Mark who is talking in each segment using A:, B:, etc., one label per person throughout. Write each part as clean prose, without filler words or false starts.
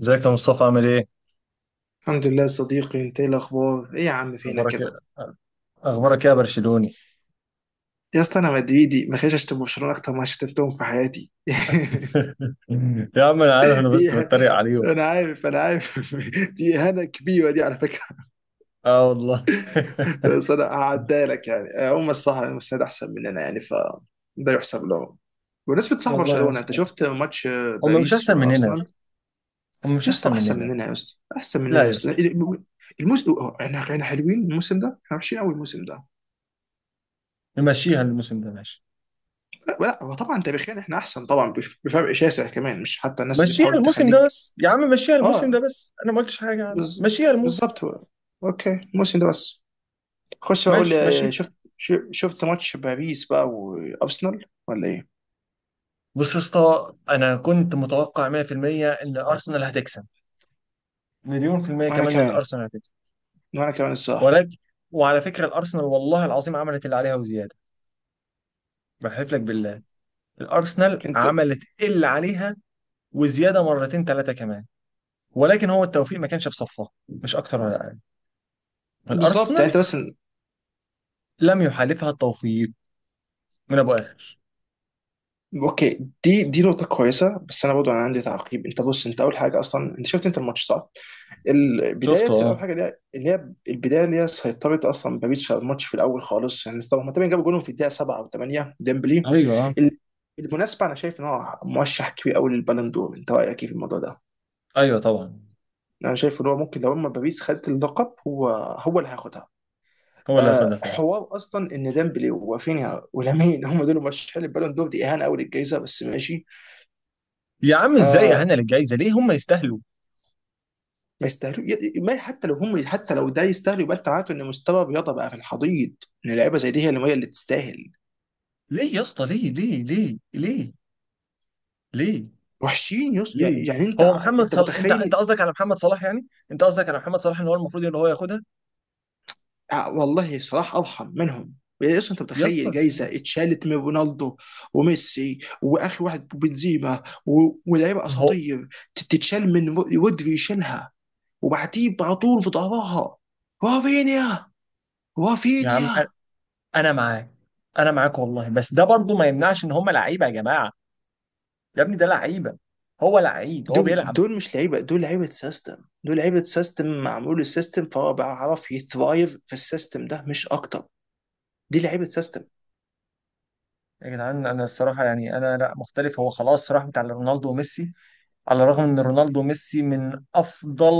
A: ازيك يا مصطفى عامل ايه؟
B: الحمد لله يا صديقي، انت ايه الاخبار؟ ايه يا عم فينك
A: اخبارك ايه؟
B: كده؟
A: اخبارك ايه يا برشلوني؟
B: يا اسطى انا مدريدي، ما خليش اشتم برشلونه اكتر ما شتمتهم في حياتي.
A: يا عم، انا عارف، انا
B: دي
A: بس
B: إه-
A: بتريق عليهم.
B: انا عارف، دي اهانه كبيره دي على فكره.
A: اه والله.
B: بس انا هعديها لك، يعني هم الصح، هم السيد، احسن مننا يعني ف ده يحسب لهم. بمناسبة صح
A: والله يا
B: برشلونة، انت
A: اسطى،
B: شفت ماتش
A: هم مش
B: باريس
A: احسن مننا يا
B: وارسنال؟
A: اسطى، هم
B: يا
A: مش احسن
B: اسطى احسن
A: مننا يا اسطى.
B: مننا، يا اسطى احسن
A: لا
B: مننا يا
A: يا
B: اسطى.
A: اسطى.
B: الموسم. احنا حلوين الموسم ده، احنا وحشين قوي الموسم ده.
A: نمشيها الموسم ده ماشي.
B: لا هو طبعا تاريخيا احنا احسن طبعا، بفرق شاسع كمان، مش حتى الناس اللي
A: مشيها
B: بتحاول
A: الموسم ده
B: تخليك.
A: بس يا عم، مشيها الموسم ده
B: اه.
A: بس انا ما قلتش حاجه يا عم،
B: بز...
A: مشيها الموسم.
B: بالظبط هو. اوكي الموسم ده بس. خش بقى قول
A: ماشي
B: لي آه،
A: ماشي.
B: شفت ماتش باريس بقى وارسنال ولا ايه؟
A: بص يا اسطى، انا كنت متوقع 100% ان ارسنال هتكسب، مليون في المية
B: وانا
A: كمان ان
B: كمان،
A: الارسنال هتكسب،
B: وانا كمان الصراحه.
A: ولكن، وعلى فكره الارسنال والله العظيم عملت اللي عليها وزياده. بحلف لك بالله، الارسنال
B: انت
A: عملت اللي عليها وزياده مرتين ثلاثه كمان، ولكن هو التوفيق ما كانش في صفها، مش اكتر ولا اقل.
B: بالظبط يعني انت
A: الارسنال
B: بس.
A: لم يحالفها التوفيق من ابو اخر.
B: اوكي دي نقطة كويسة، بس انا برضو انا عندي تعقيب. انت بص انت اول حاجة اصلا، انت شفت انت الماتش صح؟
A: شفته
B: البداية اول
A: اه.
B: حاجة اللي هي البداية اللي هي سيطرت اصلا باريس على الماتش في الاول خالص، يعني طبعا هما تقريبا جابوا جولهم في الدقيقة 7 او 8، ديمبلي.
A: ايوه اه.
B: ال- بالمناسبة انا شايف ان هو مرشح كبير قوي للبالون دور، انت رأيك ايه في الموضوع ده؟
A: ايوه طبعا.
B: انا شايف ان هو ممكن لو اما باريس خدت اللقب، هو اللي هياخدها.
A: هو اللي هياخدها
B: آه،
A: فعلا.
B: حوار اصلا ان ديمبلي ورافينيا ولامين هم دول مرشحين للبالون دور، دي اهانه قوي للجائزه بس ماشي.
A: يا عم، ازاي يا
B: آه،
A: هنا للجايزه، ليه هم يستاهلوا.
B: ما يستاهلوا. ما حتى لو هم، حتى لو ده يستاهل، يبقى انت معناته ان مستوى الرياضه بقى في الحضيض، ان لعيبه زي دي هي اللي تستاهل.
A: ليه يا اسطى، ليه ليه ليه ليه، ليه،
B: وحشين.
A: ليه.
B: يعني انت،
A: هو محمد
B: انت
A: صلاح، انت
B: متخيل؟
A: قصدك على محمد صلاح، يعني انت قصدك على محمد صلاح ان هو المفروض ان هو ياخدها.
B: آه، والله صلاح ارحم منهم. اصلا انت
A: يا اسطى،
B: متخيل
A: ازاي يا
B: جايزه
A: اسطى؟
B: اتشالت من رونالدو وميسي واخر واحد بنزيما و... ولاعيبه
A: هو.
B: اساطير، تتشال من رودري يشيلها وبعديه على طول في ظهرها رافينيا،
A: يا عم،
B: رافينيا.
A: انا معاك. انا معاك والله، بس ده برضو ما يمنعش ان هم لعيبه يا جماعه، يا ابني ده لعيبه، هو لعيب هو
B: دول
A: بيلعب.
B: دول مش لعيبه، دول لعيبه سيستم. دول لعيبه سيستم معمول السيستم، فهو بيعرف يثرايف في السيستم ده مش اكتر. دي لعيبه سيستم.
A: يا جدعان، انا الصراحه يعني انا لا مختلف، هو خلاص راح بتاع رونالدو وميسي، على الرغم ان رونالدو وميسي من افضل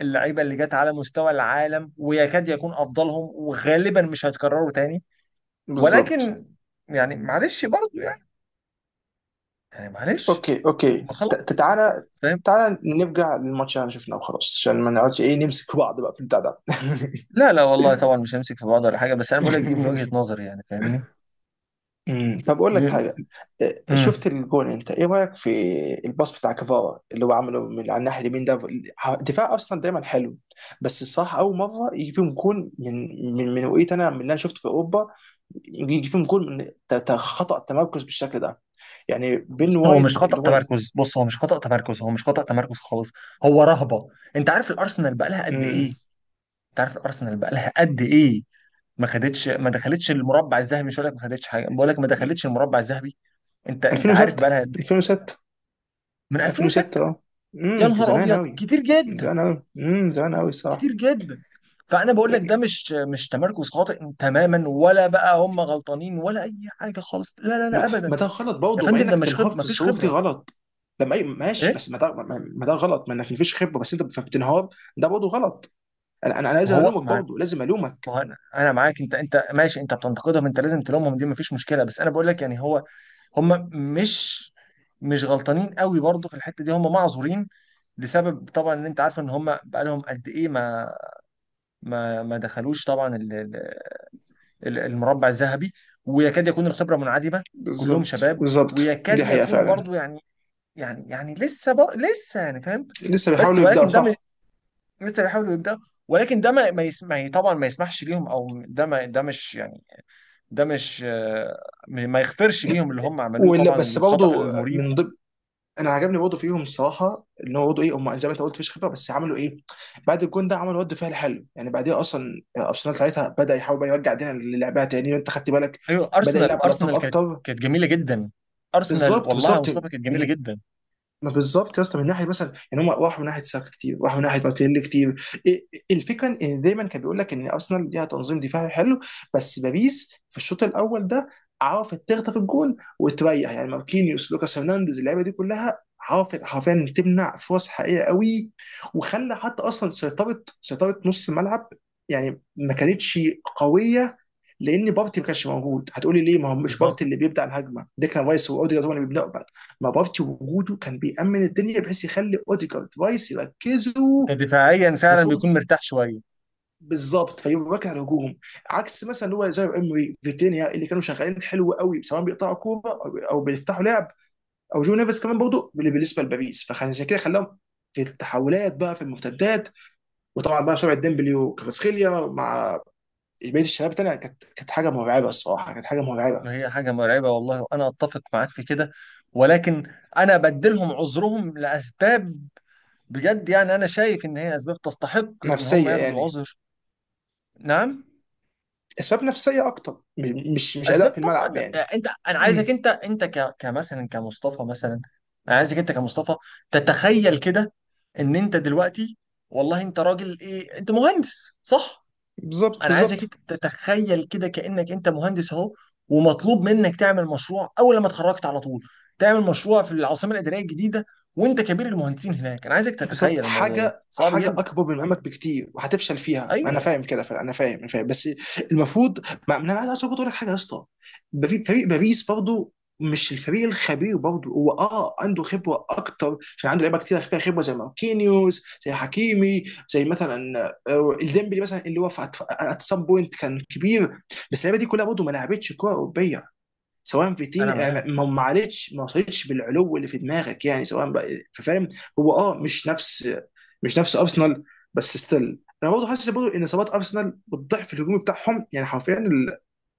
A: اللعيبه اللي جت على مستوى العالم، ويكاد يكون افضلهم، وغالبا مش هيتكرروا تاني.
B: بالظبط.
A: ولكن، يعني معلش برضو يعني، يعني معلش.
B: اوكي اوكي،
A: ما خلاص،
B: تعالى،
A: فاهم.
B: تعالى نرجع للماتش اللي احنا شفناه وخلاص عشان ما نقعدش ايه نمسك بعض بقى في البتاع ده.
A: لا لا والله طبعا، مش همسك في بعض ولا حاجه، بس انا بقول لك دي من وجهه نظري، يعني فاهمني.
B: طب اقول
A: دي
B: لك حاجه. إيه،
A: امم
B: شفت الجون؟ انت ايه رايك في الباص بتاع كفارا اللي هو عمله من على الناحيه اليمين ده؟ دفاع اصلا دايما حلو، بس الصراحه اول مره يجي فيهم جون من، من وقيت انا من اللي انا شفته في اوروبا، يجي فيهم جون من خطا تمركز بالشكل ده، يعني بين
A: بص هو مش
B: وايت
A: خطأ
B: اللي هو.
A: تمركز، بص هو مش خطأ تمركز، هو مش خطأ تمركز خالص. هو رهبة. انت عارف الارسنال بقى لها قد ايه،
B: امم
A: انت عارف الارسنال بقى لها قد ايه. ما خدتش، ما دخلتش المربع الذهبي، مش هقول لك ما خدتش حاجه، بقول لك ما دخلتش المربع الذهبي. انت عارف بقى
B: 2006.
A: لها قد ايه،
B: 2006.
A: من
B: 2006.
A: 2006.
B: اه.
A: يا نهار
B: زمان
A: ابيض،
B: قوي.
A: كتير جدا،
B: زمان قوي. زمان قوي الصراحه.
A: كتير جدا. فانا بقول لك ده مش تمركز خاطئ تماما، ولا بقى هم غلطانين ولا اي حاجه خالص، لا لا لا
B: ما,
A: ابدا.
B: ما ده غلط
A: يا
B: برضه، مع
A: فندم، ده
B: انك
A: مش
B: تنهار
A: خب... ما
B: في
A: فيش
B: الظروف دي
A: خبره.
B: غلط. لما أي ماشي،
A: ايه،
B: بس ما ده ما، ما ده غلط ما انك مفيش خبره بس انت بتنهار ده برضه غلط. انا
A: ما
B: لازم
A: هو
B: الومك
A: ما
B: برضه، لازم
A: ما
B: الومك.
A: هو انا معاك، انت ماشي، انت بتنتقدهم، انت لازم تلومهم، دي مفيش مشكله، بس انا بقول لك يعني هو، هم مش، مش غلطانين قوي برضه في الحته دي، هم معذورين لسبب طبعا، ان انت عارف ان هم بقالهم قد ايه، ما دخلوش طبعا المربع الذهبي، ويكاد يكون الخبره منعدمه، كلهم
B: بالظبط
A: شباب،
B: بالظبط،
A: ويكاد
B: دي حقيقه
A: يكون
B: فعلا.
A: برضه يعني، يعني لسه لسه يعني فاهم،
B: لسه
A: بس
B: بيحاولوا يبداوا
A: ولكن
B: صح.
A: لسه بيحاولوا يبدأ، ولكن ده ما ما يسمع طبعا، ما يسمحش ليهم، او ده ما، ده مش يعني، ده مش ما يغفرش ليهم اللي هم عملوه
B: ولا
A: طبعا،
B: بس
A: الخطأ
B: برضه.
A: المريب.
B: من ضمن. انا عجبني برضه فيهم الصراحه ان هو برضه ايه، هم زي ما انت قلت مفيش خبره، بس عملوا ايه؟ بعد الجون ده عملوا رد فعل حلو، يعني بعديها اصلا ارسنال ساعتها بدا يحاول بقى يرجع دينا للعبها تاني، وانت خدت بالك
A: ايوه،
B: بدا
A: ارسنال
B: يلعب على الطرف
A: ارسنال كانت
B: اكتر.
A: كانت جميله جدا. ارسنال
B: بالظبط
A: والله يا
B: بالظبط.
A: مصطفى كانت
B: من،
A: جميله جدا.
B: ما بالظبط يا اسطى، من ناحيه مثلا يعني هم راحوا من ناحيه ساكا كتير، راحوا من ناحيه مارتينيلي كتير. إيه، الفكره ان دايما كان بيقول لك ان ارسنال ليها تنظيم دفاعي حلو، بس باريس في الشوط الاول ده عرفت تخطف الجون وتريح. يعني ماركينيوس لوكاس هرنانديز اللعيبه دي كلها عرفت حرفيا تمنع فرص حقيقيه قوي، وخلى حتى اصلا سيطره نص الملعب يعني ما كانتش قويه، لان بابتي ما كانش موجود. هتقولي ليه؟ ما هو مش
A: بالظبط.
B: بابتي اللي بيبدا الهجمه، ديكلان رايس واوديجارد هم اللي بيبداوا بقى، ما بابتي وجوده كان بيامن الدنيا بحيث يخلي اوديجارد رايس يركزوا
A: كان دفاعيا
B: على
A: فعلا بيكون
B: فرص.
A: مرتاح شويه.
B: بالظبط فيبقى على الهجوم، عكس مثلا اللي هو زي امري فيتينيا اللي كانوا شغالين حلو قوي، سواء بيقطعوا كوره او بيفتحوا لعب، او جو نيفيس كمان برضه اللي بالنسبه لباريس. فعشان كده خلاهم في التحولات بقى، في المرتدات. وطبعا بقى سرعه ديمبلي وكفاسخيليا مع بقيه الشباب الثانيه كانت حاجه مرعبه الصراحه، كانت حاجه مرعبه.
A: ما هي حاجه مرعبه والله، وانا اتفق معاك في كده، ولكن انا بدلهم عذرهم لاسباب، بجد يعني انا شايف ان هي اسباب تستحق ان هم
B: نفسيه
A: ياخدوا
B: يعني،
A: العذر. نعم.
B: اسباب نفسيه اكتر، مش
A: اسباب
B: اداء في الملعب
A: طبعا.
B: يعني.
A: انت، انا عايزك،
B: مم.
A: انت كمثلا كمصطفى مثلا. انا عايزك انت كمصطفى تتخيل كده، ان انت دلوقتي، والله انت راجل ايه، انت مهندس صح.
B: بالظبط
A: انا عايزك
B: بالظبط.
A: انت تتخيل كده، كانك انت مهندس اهو، ومطلوب منك تعمل مشروع اول لما اتخرجت على طول، تعمل مشروع في العاصمه الاداريه الجديده، وانت كبير المهندسين هناك. انا عايزك
B: بالظبط،
A: تتخيل الموضوع ده
B: حاجه
A: صعب
B: حاجه
A: جدا.
B: اكبر من مهمك بكتير وهتفشل فيها، انا
A: ايوه.
B: فاهم كده فعلا، انا فاهم، انا فاهم بس المفروض، ما انا عايز برضه اقول لك حاجه يا اسطى. فريق باريس برضه مش الفريق الخبير برضه، هو عنده خبره اكتر عشان عنده لعيبه كتير فيها خبره زي ماركينيوس زي حكيمي، زي مثلا آه، الديمبلي مثلا اللي هو في ات سام بوينت كان كبير، بس اللعيبه دي كلها برضه ما لعبتش كوره اوروبيه سواء فيتين.
A: انا معاك.
B: ما علتش، ما وصلتش بالعلو اللي في دماغك يعني، سواء بقى فاهم هو مش نفس، مش نفس ارسنال. بس ستيل انا برضه حاسس برضه ان اصابات ارسنال والضعف الهجومي بتاعهم يعني حرفيا ال...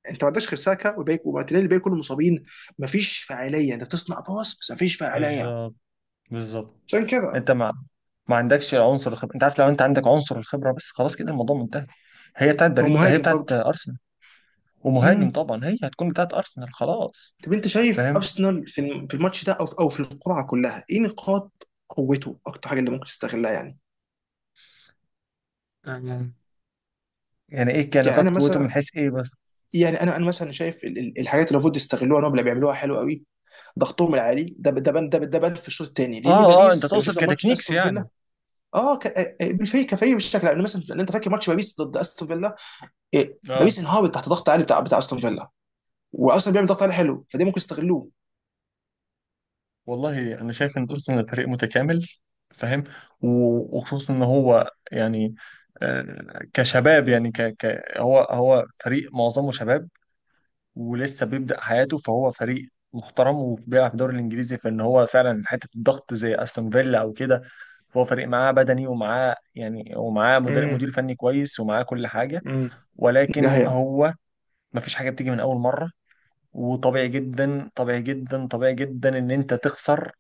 B: انت ما عندكش غير ساكا وباك ومارتينيلي، الباقي كلهم مصابين، ما فيش فاعليه، انت بتصنع فرص بس ما فيش فاعليه،
A: بالظبط بالظبط.
B: عشان كده.
A: انت ما ما عندكش عنصر الخبره، انت عارف، لو انت عندك عنصر الخبره بس، خلاص كده الموضوع منتهي. هي بتاعت
B: هو
A: بريد، هي
B: مهاجم
A: بتاعت
B: برضه.
A: ارسنال، ومهاجم
B: امم
A: طبعا هي هتكون بتاعت ارسنال خلاص.
B: طب انت شايف
A: فاهم.
B: ارسنال في في الماتش ده او في القرعه كلها ايه نقاط قوته، اكتر حاجه اللي ممكن تستغلها يعني؟
A: آه. يعني ايه كان
B: يعني
A: نقاط
B: انا
A: قوته، من
B: مثلا،
A: حيث ايه بس؟
B: يعني انا مثلا شايف الحاجات اللي المفروض يستغلوها نوبل بيعملوها حلو قوي، ضغطهم العالي ده، ده بان، ده بان في الشوط الثاني، لان
A: اه اه، انت
B: باريس لما
A: تقصد
B: شفنا ماتش
A: كتكنيكس
B: استون
A: يعني.
B: فيلا، آه، بالفريق كفريق بالشكل، لان مثلا، لأن انت فاكر ماتش باريس ضد استون فيلا؟ إيه،
A: اه
B: باريس انهارت تحت ضغط عالي بتاع استون فيلا، واصلا بيعمل ضغط عالي حلو، فده ممكن يستغلوه.
A: والله، انا شايف ان ارسنال فريق متكامل. فاهم. وخصوصا ان هو يعني، كشباب يعني، هو فريق معظمه شباب، ولسه بيبدأ حياته، فهو فريق محترم وبيلعب في الدوري الانجليزي، فان هو فعلا حته الضغط زي استون فيلا او كده، فهو فريق معاه بدني، ومعاه يعني، ومعاه مدير
B: امم
A: مدير فني كويس، ومعاه كل حاجه،
B: امم ده
A: ولكن
B: هي.
A: هو، ما فيش حاجه بتيجي من اول مره، وطبيعي جدا، طبيعي جدا، طبيعي جدا، ان انت تخسر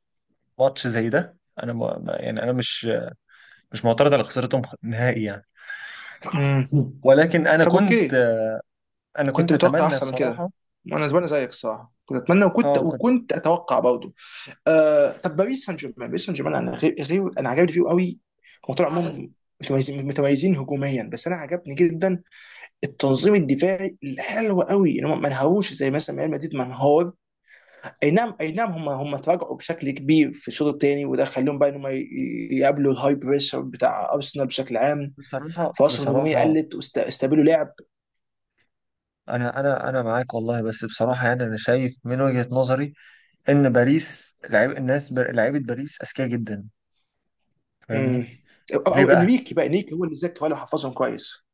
A: ماتش زي ده. انا يعني انا مش، مش معترض على خسارتهم نهائي يعني،
B: امم
A: ولكن انا
B: طب اوكي،
A: كنت، انا
B: كنت
A: كنت
B: متوقع
A: اتمنى
B: احسن من كده.
A: بصراحه.
B: وانا زمان زيك الصراحه كنت اتمنى، وكنت
A: اه كنت.
B: وكنت اتوقع برضه. آه طب باريس سان جيرمان، باريس سان جيرمان انا غير انا عجبني فيه قوي. هم طول عموم متميزين، متميزين هجوميا بس انا عجبني جدا التنظيم الدفاعي الحلو قوي، ان هم ما انهاروش زي مثلا ريال مدريد منهار. اي نعم اي نعم، هم تراجعوا بشكل كبير في الشوط الثاني، وده خليهم بقى ان هم يقابلوا الهاي بريشر بتاع ارسنال بشكل عام،
A: بصراحة،
B: فرصهم الهجوميه
A: بصراحة،
B: قلت واستقبلوا لعب.
A: انا معاك والله، بس بصراحه يعني، انا شايف من وجهه نظري ان باريس لعيبه باريس اذكياء جدا، فاهمني.
B: مم.
A: ليه
B: أو
A: بقى،
B: انريكي بقى، انريكي هو اللي ذاك ولا حفظهم كويس.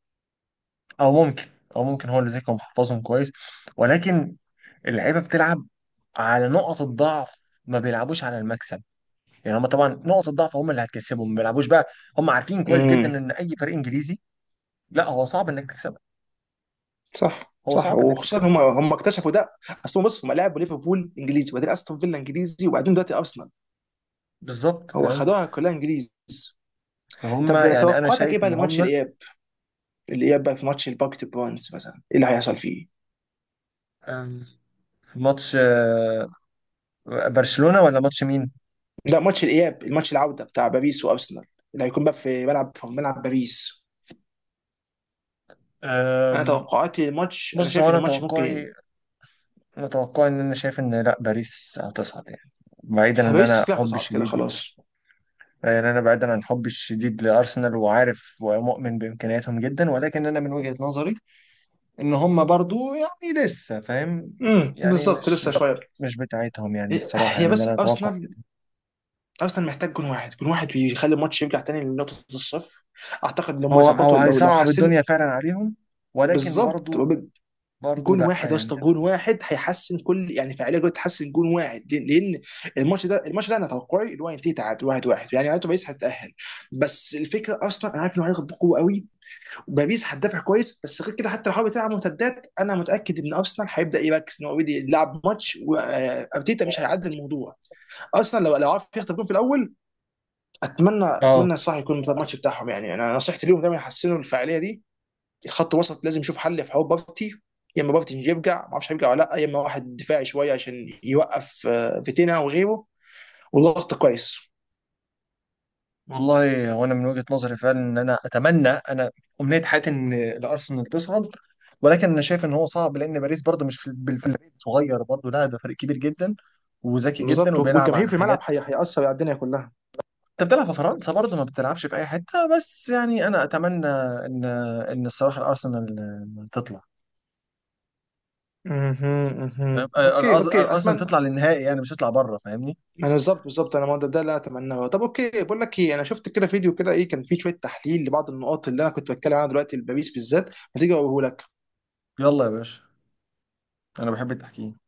A: او ممكن، او ممكن هو اللي ذكي ومحفظهم كويس، ولكن اللعيبه بتلعب على نقط الضعف، ما بيلعبوش على المكسب، يعني هم طبعا نقط الضعف هم اللي هتكسبهم، ما بيلعبوش بقى. هم عارفين كويس
B: مم.
A: جدا ان اي فريق انجليزي، لا هو صعب انك تكسبه،
B: صح
A: هو
B: صح،
A: صعب انك
B: وخصوصا
A: تكسبه.
B: هم اكتشفوا ده. اصل هم بص، هم لعبوا ليفربول انجليزي، وبعدين استون فيلا انجليزي، وبعدين دلوقتي ارسنال،
A: بالظبط
B: هو
A: فاهم.
B: خدوها كلها انجليزي.
A: فهم
B: طب
A: يعني، انا
B: توقعاتك ايه
A: شايف
B: بقى
A: ان
B: لماتش
A: هم،
B: الاياب؟ الاياب بقى في ماتش الباك تو برونز مثلا ايه اللي هيحصل فيه؟
A: آم، في ماتش برشلونة، ولا ماتش مين؟
B: لا ماتش الاياب، الماتش العوده بتاع باريس وارسنال، اللي هيكون بقى في ملعب باريس. انا
A: أم،
B: توقعاتي للماتش، انا
A: بص، هو
B: شايف ان
A: انا
B: الماتش ممكن
A: توقعي، انا توقعي ان، انا شايف ان لا، باريس هتصعد يعني، بعيدا ان
B: باريس
A: انا
B: فيها
A: حبي
B: هتصعد كده
A: الشديد،
B: خلاص.
A: يعني انا بعيدا عن حبي الشديد لارسنال، وعارف ومؤمن بامكانياتهم جدا، ولكن انا من وجهة نظري ان هم برضو يعني لسه فاهم، يعني
B: بالظبط
A: مش،
B: لسه شويه.
A: مش بتاعتهم يعني الصراحة،
B: هي
A: يعني ده انا
B: بس
A: اتوقع
B: ارسنال،
A: كده.
B: ارسنال محتاج جون واحد، جون واحد ويخلي الماتش يرجع تاني لنقطه الصفر. اعتقد لو ما
A: هو
B: ظبطوا لو
A: هيصعب
B: حسن
A: الدنيا فعلا عليهم، ولكن
B: بالظبط.
A: برضو، برضو
B: جون
A: لا
B: واحد يا اسطى،
A: يعني انا.
B: جون واحد هيحسن كل يعني فعاليه، جدا تحسن جون واحد، لأن الماتش ده انا توقعي اللي هو ينتهي تعادل واحد واحد، يعني معناته باريس هتتاهل. بس الفكره ارسنال، انا عارف انه هيضغط بقوه قوي، وباريس هتدافع كويس، بس غير كده حتى لو حاول تلعب مرتدات انا متاكد ان ارسنال هيبدا يركز ان هو اوريدي لعب ماتش وارتيتا مش هيعدي الموضوع. ارسنال لو عرف يخطف جون في الاول، اتمنى،
A: اه
B: صح يكون ده الماتش بتاعهم. يعني انا نصيحتي ليهم دايما يحسنوا الفاعليه دي، الخط الوسط لازم يشوف حل في حوار بابتي، يا اما بابتي يرجع ما اعرفش هيرجع ولا لا، يا اما واحد دفاعي شويه عشان يوقف آه، فيتينا وغيره والضغط كويس.
A: والله هو، انا من وجهة نظري فعلا، ان انا اتمنى انا، امنية حياتي ان الارسنال تصعد، ولكن انا شايف ان هو صعب، لان باريس برضه مش في الفريق صغير برضه، لا ده فريق كبير جدا، وذكي جدا،
B: بالظبط،
A: وبيلعب
B: والجماهير
A: على
B: في الملعب
A: حاجات.
B: هيأثر على الدنيا كلها.
A: انت بتلعب في فرنسا برضه، ما بتلعبش في اي حتة، بس يعني انا اتمنى ان، ان الصراحة الارسنال تطلع.
B: مهم،
A: فاهم؟
B: مهم. اوكي اوكي
A: الارسنال
B: اتمنى.
A: تطلع للنهائي، يعني مش تطلع بره، فاهمني.
B: انا بالظبط بالظبط، انا ما ده، اللي أنا اتمناه. طب اوكي، بقول لك ايه، انا شفت كده فيديو كده، ايه كان فيه شويه تحليل لبعض النقاط اللي انا كنت بتكلم عنها دلوقتي لباريس بالذات، ما تيجي اقوله لك.
A: يلا يا باشا، انا بحب التحكيم.